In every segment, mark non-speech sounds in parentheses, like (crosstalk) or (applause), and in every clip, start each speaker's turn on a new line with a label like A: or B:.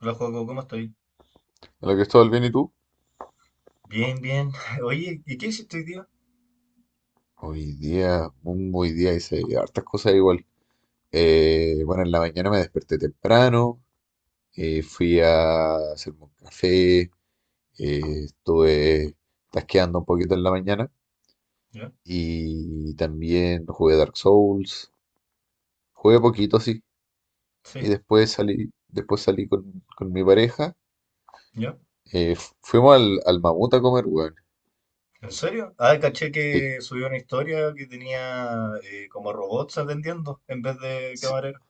A: Hola, Joaco, ¿cómo estoy?
B: Hola, Cristóbal, ¿bien y tú?
A: Bien, bien. (laughs) Oye, ¿y qué hiciste hoy día?
B: Hoy día hice hartas cosas igual. Bueno, en la mañana me desperté temprano, fui a hacerme un café, estuve tasqueando un poquito en la mañana
A: ¿Ya?
B: y también jugué Dark Souls, jugué poquito, sí, y
A: ¿Sí?
B: después salí con mi pareja,
A: ¿Ya?
B: fuimos al mamut a comer, weón.
A: ¿En serio? Ah, caché
B: Sí,
A: que subió una historia que tenía como robots atendiendo en vez de
B: sí.
A: camarero.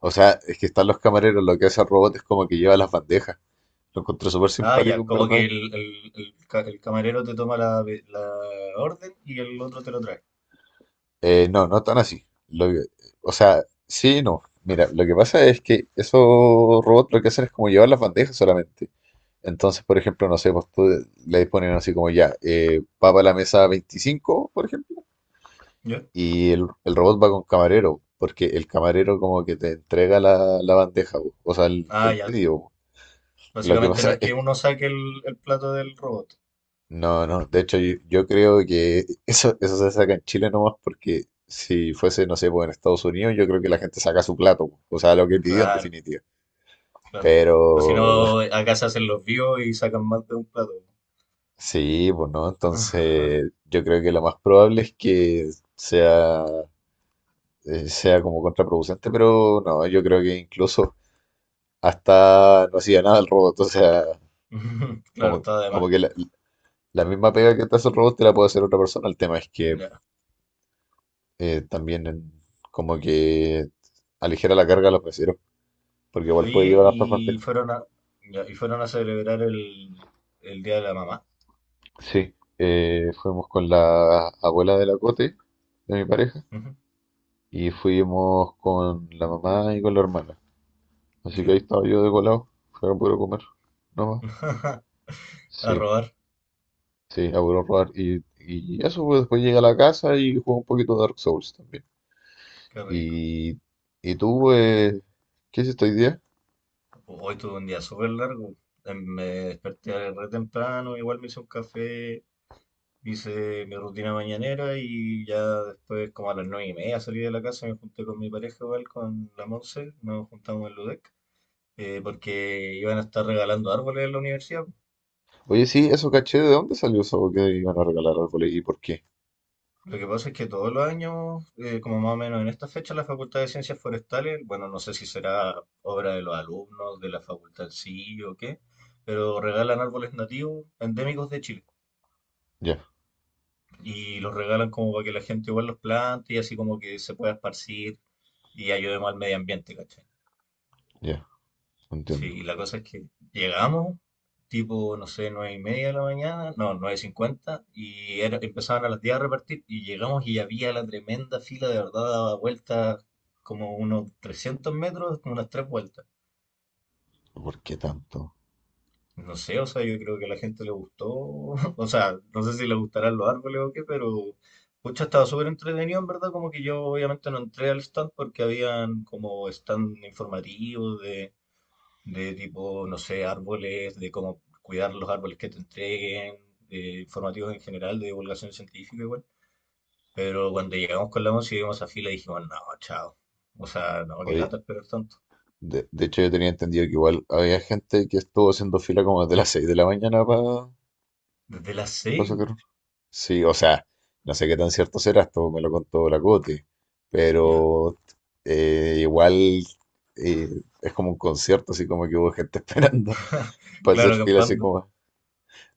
B: O sea, es que están los camareros, lo que hace el robot es como que lleva las bandejas. Lo encontré súper
A: Ah,
B: simpático,
A: ya,
B: en
A: como que
B: verdad.
A: el camarero te toma la, la orden y el otro te lo trae.
B: No, no tan así. O sea, sí, y no. Mira, lo que pasa es que esos robots lo que hacen es como llevar las bandejas solamente. Entonces, por ejemplo, no sé, pues tú le ponen así como ya, va para la mesa 25, por ejemplo,
A: ¿Ya?
B: y el robot va con camarero, porque el camarero como que te entrega la bandeja, po, o sea, el,
A: Ah,
B: el
A: ya.
B: pedido, po. Lo que
A: Básicamente no
B: pasa
A: es
B: es
A: que
B: que
A: uno saque el plato del robot.
B: no, no, de hecho, yo creo que eso se saca en Chile nomás, porque si fuese, no sé, pues en Estados Unidos yo creo que la gente saca su plato, o sea, lo que pidió en
A: Claro,
B: definitiva.
A: claro. O si
B: Pero
A: no, acá se hacen los vivos y sacan más de un plato.
B: (laughs) sí, pues no,
A: (laughs)
B: entonces yo creo que lo más probable es que sea, sea como contraproducente, pero no, yo creo que incluso hasta no hacía nada el robot, o sea,
A: Claro, está de más.
B: como que la misma pega que te hace el robot te la puede hacer otra persona, el tema es que también en- como que aligera la carga a los meseros, porque igual puede
A: Oye,
B: llevar hartas
A: y
B: bandejas.
A: fueron a, ya, y fueron a celebrar el Día de la Mamá.
B: Sí. Fuimos con la abuela de la Cote, de mi pareja,
A: Ujú.
B: y fuimos con la mamá y con la hermana. Así que ahí
A: Ya.
B: estaba yo de colado, fue a puro comer, nomás.
A: (laughs) A
B: Sí,
A: robar,
B: sí, a puro robar. Y eso, pues, después llegué a la casa y jugué un poquito de Dark Souls también.
A: qué rico.
B: Y, y tú, ¿qué hiciste hoy día?
A: Hoy tuve un día súper largo. Me desperté re temprano, igual me hice un café, hice mi rutina mañanera y ya después, como a las nueve y media, salí de la casa, me junté con mi pareja igual, con la Monse, nos juntamos en Ludec, porque iban a estar regalando árboles en la universidad.
B: Oye, sí, eso caché, ¿de dónde salió eso que iban a regalar árboles y por qué?
A: Lo que pasa es que todos los años, como más o menos en esta fecha, la Facultad de Ciencias Forestales, bueno, no sé si será obra de los alumnos, de la facultad en sí o qué, pero regalan árboles nativos endémicos de Chile.
B: Ya,
A: Y los regalan como para que la gente igual los plante y así como que se pueda esparcir y ayudemos al medio ambiente, ¿cachai?
B: ya,
A: Sí,
B: entiendo.
A: y la cosa es que llegamos, tipo, no sé, nueve y media de la mañana, no, nueve cincuenta, empezaban a las 10 a repartir, y llegamos y había la tremenda fila, de verdad, daba vueltas como unos 300 metros, como unas tres vueltas.
B: ¿Por qué tanto?
A: No sé, o sea, yo creo que a la gente le gustó, (laughs) o sea, no sé si le gustarán los árboles o qué, pero, pucha, estaba súper entretenido, en verdad, como que yo obviamente no entré al stand porque habían como stand informativos de tipo, no sé, árboles, de cómo cuidar los árboles que te entreguen, informativos en general, de divulgación científica igual. Pero cuando llegamos con la once y vimos a fila, dijimos, no, chao. O sea, no, qué
B: Oye,
A: lata esperar tanto.
B: de hecho, yo tenía entendido que igual había gente que estuvo haciendo fila como desde las 6 de la mañana para
A: Desde las seis,
B: sacar un- sí, o sea, no sé qué tan cierto será, esto me lo contó la Coti,
A: ya.
B: pero igual eh, es como un concierto, así como que hubo gente (laughs) esperando
A: (laughs)
B: para hacer
A: Claro,
B: fila, así
A: acampando.
B: como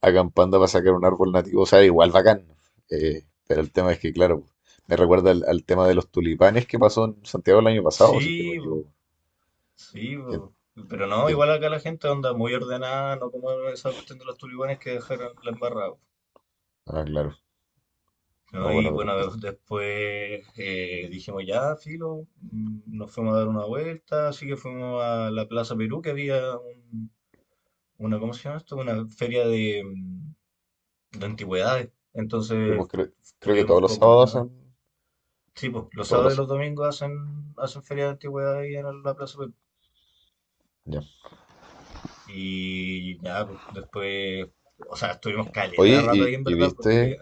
B: Hagan Panda para sacar un árbol nativo, o sea, igual bacán. Pero el tema es que, claro, me recuerda al tema de los tulipanes que pasó en Santiago el año pasado, si es que no me
A: Sí, po,
B: equivoco.
A: sí,
B: ¿Quién-
A: po. Pero no,
B: ¿quién?
A: igual acá la gente anda muy ordenada, no como esa cuestión de los tulibanes que dejaron la embarrada.
B: Ah, claro. Ah,
A: ¿No? Y
B: bueno, pero sí,
A: bueno, después dijimos, ya, filo, mm, nos fuimos a dar una vuelta, así que fuimos a la Plaza Perú, que una, ¿cómo se llama esto? Una feria de, mm, de antigüedades.
B: pues
A: Entonces
B: creo, creo que todos
A: tuvimos
B: los
A: como
B: sábados
A: una...
B: son
A: Sí, pues, los
B: todos
A: sábados y
B: los...
A: los domingos hacen feria de antigüedades ahí en la Plaza Perú.
B: ya.
A: Y ya, pues, después, o sea, estuvimos caleta de
B: Oye,
A: rato ahí en
B: ¿y
A: verdad,
B: viste?
A: porque...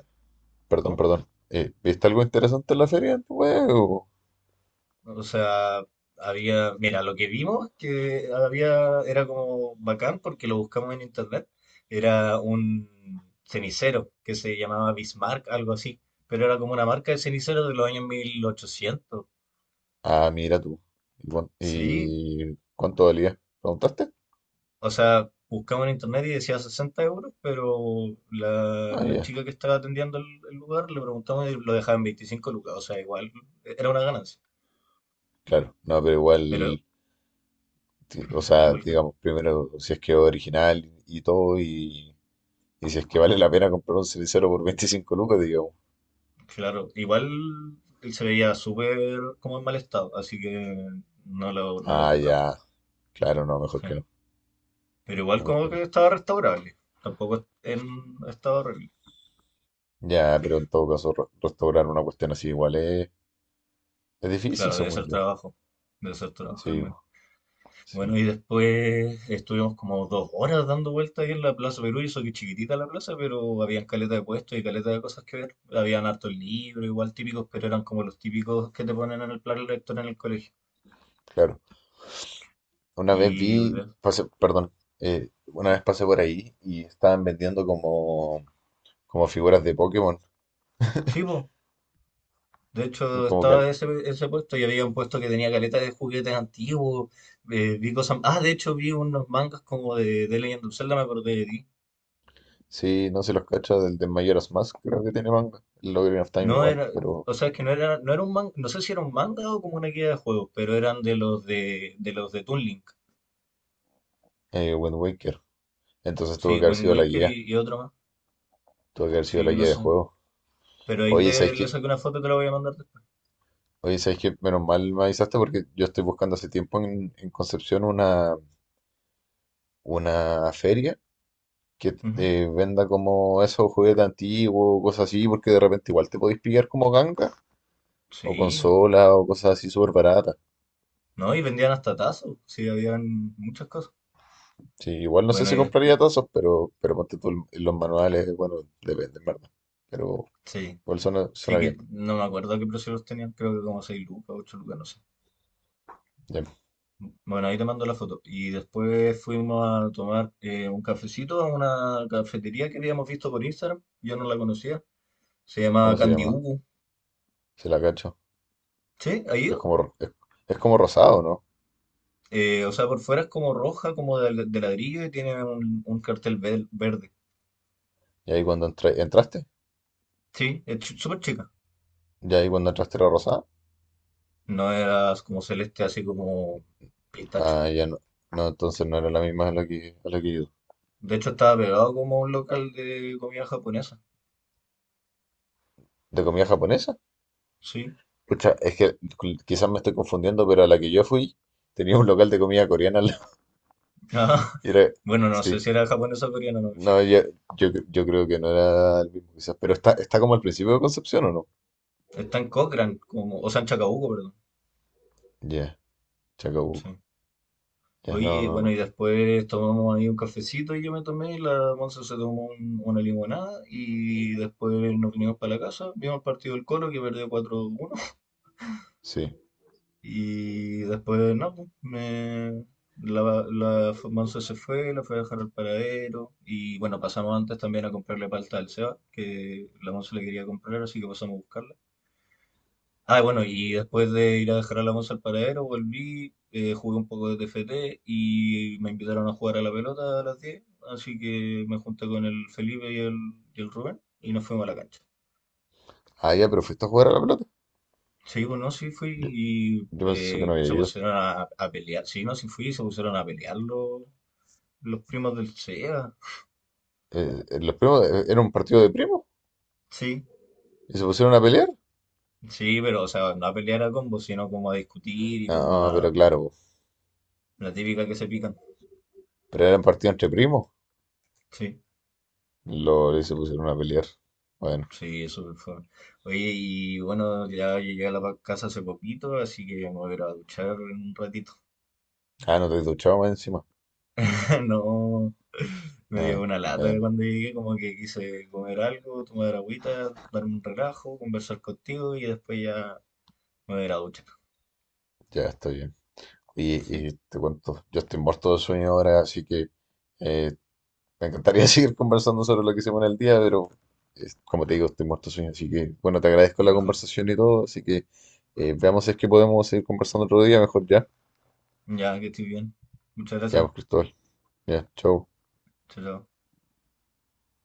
B: Perdón,
A: ¿Cómo?
B: perdón. ¿Viste algo interesante en la feria?
A: O sea, había, mira, lo que vimos que había era como bacán porque lo buscamos en internet. Era un cenicero que se llamaba Bismarck, algo así, pero era como una marca de ceniceros de los años mil ochocientos.
B: Ah, mira tú.
A: Sí,
B: ¿Y cuánto valía? ¿Preguntaste?
A: o sea, buscamos en internet y decía 60 euros, pero la,
B: Ah,
A: la
B: ya.
A: chica que estaba atendiendo el lugar le preguntamos y lo dejaban 25 lucas, o sea, igual era una ganancia,
B: Claro. No, pero
A: pero
B: igual... o sea,
A: igual.
B: digamos, primero si es que es original y todo, y si es que vale la pena comprar un cenicero por 25 lucas, digamos.
A: Claro, igual él se veía súper como en mal estado, así que no lo
B: Ah,
A: compramos.
B: ya, claro, no,
A: Sí. Pero igual
B: mejor
A: como
B: que
A: que
B: no.
A: estaba restaurable, tampoco en estado horrible.
B: Ya, pero en todo caso, restaurar una cuestión así igual es difícil,
A: Claro,
B: según yo.
A: debe ser trabajo al
B: Sí,
A: menos.
B: bo, sí,
A: Bueno, y después estuvimos como dos horas dando vueltas ahí en la Plaza Perú, y eso que chiquitita la plaza, pero habían caleta de puestos y caleta de cosas que ver. Habían hartos libros, igual típicos, pero eran como los típicos que te ponen en el plan lector en el colegio.
B: claro. Una vez
A: Y
B: vi, pasé, perdón, una vez pasé por ahí y estaban vendiendo como figuras de Pokémon,
A: sí, pues, de hecho,
B: como que
A: estaba
B: al-
A: ese puesto y había un puesto que tenía caleta de juguetes antiguos. Vi cosas. Ah, de hecho, vi unos mangas como de Legend of Zelda, me acordé de ti.
B: sí, no se los cacha del de Majora's Mask, creo que tiene manga. El Ocarina of Time
A: No
B: igual,
A: era.
B: pero
A: O sea, es que no era, no era un manga. No sé si era un manga o como una guía de juegos, pero eran de los de Toon Link.
B: Wind Waker. Entonces tuvo
A: Sí,
B: que haber
A: Wind
B: sido la
A: Waker
B: guía,
A: y otro más.
B: tuvo que haber sido
A: Sí,
B: la
A: no
B: guía de
A: sé.
B: juego.
A: Pero ahí
B: Oye, ¿sabes
A: te le
B: qué?
A: saqué una foto y te la voy a mandar después.
B: Oye, ¿sabes qué? Menos mal me avisaste, porque yo estoy buscando hace tiempo en Concepción una feria que
A: Ujú.
B: venda como esos juguetes antiguos, cosas así, porque de repente igual te podéis pillar como ganga o
A: Sí.
B: consola o cosas así súper baratas.
A: No, y vendían hasta tazos. Sí, habían muchas cosas.
B: Sí, igual no sé
A: Bueno,
B: si
A: y
B: compraría
A: después.
B: tazos, pero ponte tú los manuales, bueno, depende, en verdad. Pero
A: Sí.
B: igual
A: Sí
B: suena
A: que
B: bien.
A: no me acuerdo qué precios tenían, creo que como 6 lucas, 8 lucas, no sé.
B: Ya,
A: Bueno, ahí te mando la foto. Y después fuimos a tomar un cafecito a una cafetería que habíamos visto por Instagram. Yo no la conocía. Se llama
B: ¿cómo se
A: Candy
B: llama?
A: Ubu.
B: Se la cacho.
A: ¿Sí? ¿Ha
B: Es
A: ido?
B: como, es, es como rosado, ¿no?
A: O sea, por fuera es como roja, como de ladrillo y tiene un cartel verde.
B: Y ahí entraste,
A: Sí, es súper chica.
B: y ahí cuando entraste era rosada.
A: No, era como celeste, así como pistacho.
B: Ah, ya no. No, entonces no era la misma a a la que yo.
A: De hecho, estaba pegado como a un local de comida japonesa.
B: ¿De comida japonesa?
A: Sí.
B: Pucha, es que quizás me estoy confundiendo, pero a la que yo fui tenía un local de comida coreana al lado. (laughs)
A: Ah, (laughs)
B: Y era,
A: bueno, no sé
B: sí.
A: si era japonesa o coreana, no me
B: No,
A: fijé.
B: ya- yo, cre- yo creo que no era el mismo, quizás. Pero está como al principio de Concepción, ¿o no?
A: Está en Cochrane, como, o sea, en Chacabuco, perdón.
B: Ya, Chacabuco.
A: Sí.
B: Ya, no,
A: Oye,
B: no,
A: bueno, y
B: no.
A: después tomamos ahí un cafecito y yo me tomé, la Monza se tomó una limonada y después nos vinimos para la casa, vimos el partido del Colo que perdió cuatro uno
B: Sí.
A: y después, no, pues, me, Monza se fue, la fue a dejar al paradero y bueno, pasamos antes también a comprarle palta al Seba, que la Monza le quería comprar, así que pasamos a buscarla. Ah, bueno, y después de ir a dejar a la moza al paradero, volví, jugué un poco de TFT y me invitaron a jugar a la pelota a las 10, así que me junté con el Felipe y el Rubén y nos fuimos a la cancha.
B: Ah, ya, pero fuiste a jugar a la pelota.
A: Sí, bueno, sí fui
B: Yo,
A: y
B: yo pensé que no había
A: se
B: ido.
A: pusieron a pelear, sí, no, sí fui y se pusieron a pelear los primos del SEA.
B: Los primos, ¿era un partido de primos?
A: Sí,
B: ¿Y se pusieron a pelear?
A: sí, pero o sea, no a pelear a combo, sino como a discutir y como
B: Ah, pero
A: a
B: claro, po.
A: la típica que se pican.
B: Pero eran partido entre primos.
A: Sí.
B: Lo, y se pusieron a pelear. Bueno.
A: Sí, es súper fome. Oye, y bueno, ya llegué a la casa hace poquito, así que me voy a ir a duchar en un ratito.
B: Ah, no te he duchado más encima.
A: (laughs) No, me dio
B: Ah,
A: una lata de
B: bueno,
A: cuando llegué, como que quise comer algo, tomar agüita, darme un relajo, conversar contigo y después ya me voy a ir a duchar.
B: ya estoy bien. y
A: Sí,
B: y te cuento, yo estoy muerto de sueño ahora, así que eh, me encantaría (laughs) seguir conversando sobre lo que hicimos en el día, pero como te digo, estoy muerto de sueño, así que bueno, te agradezco la
A: mejor.
B: conversación y todo, así que veamos
A: Mm.
B: si es que podemos seguir conversando otro día, mejor ya.
A: Ya que estoy bien. Muchas
B: Ya,
A: gracias.
B: pues, Cristóbal. Ya, chau.
A: Chao, chao.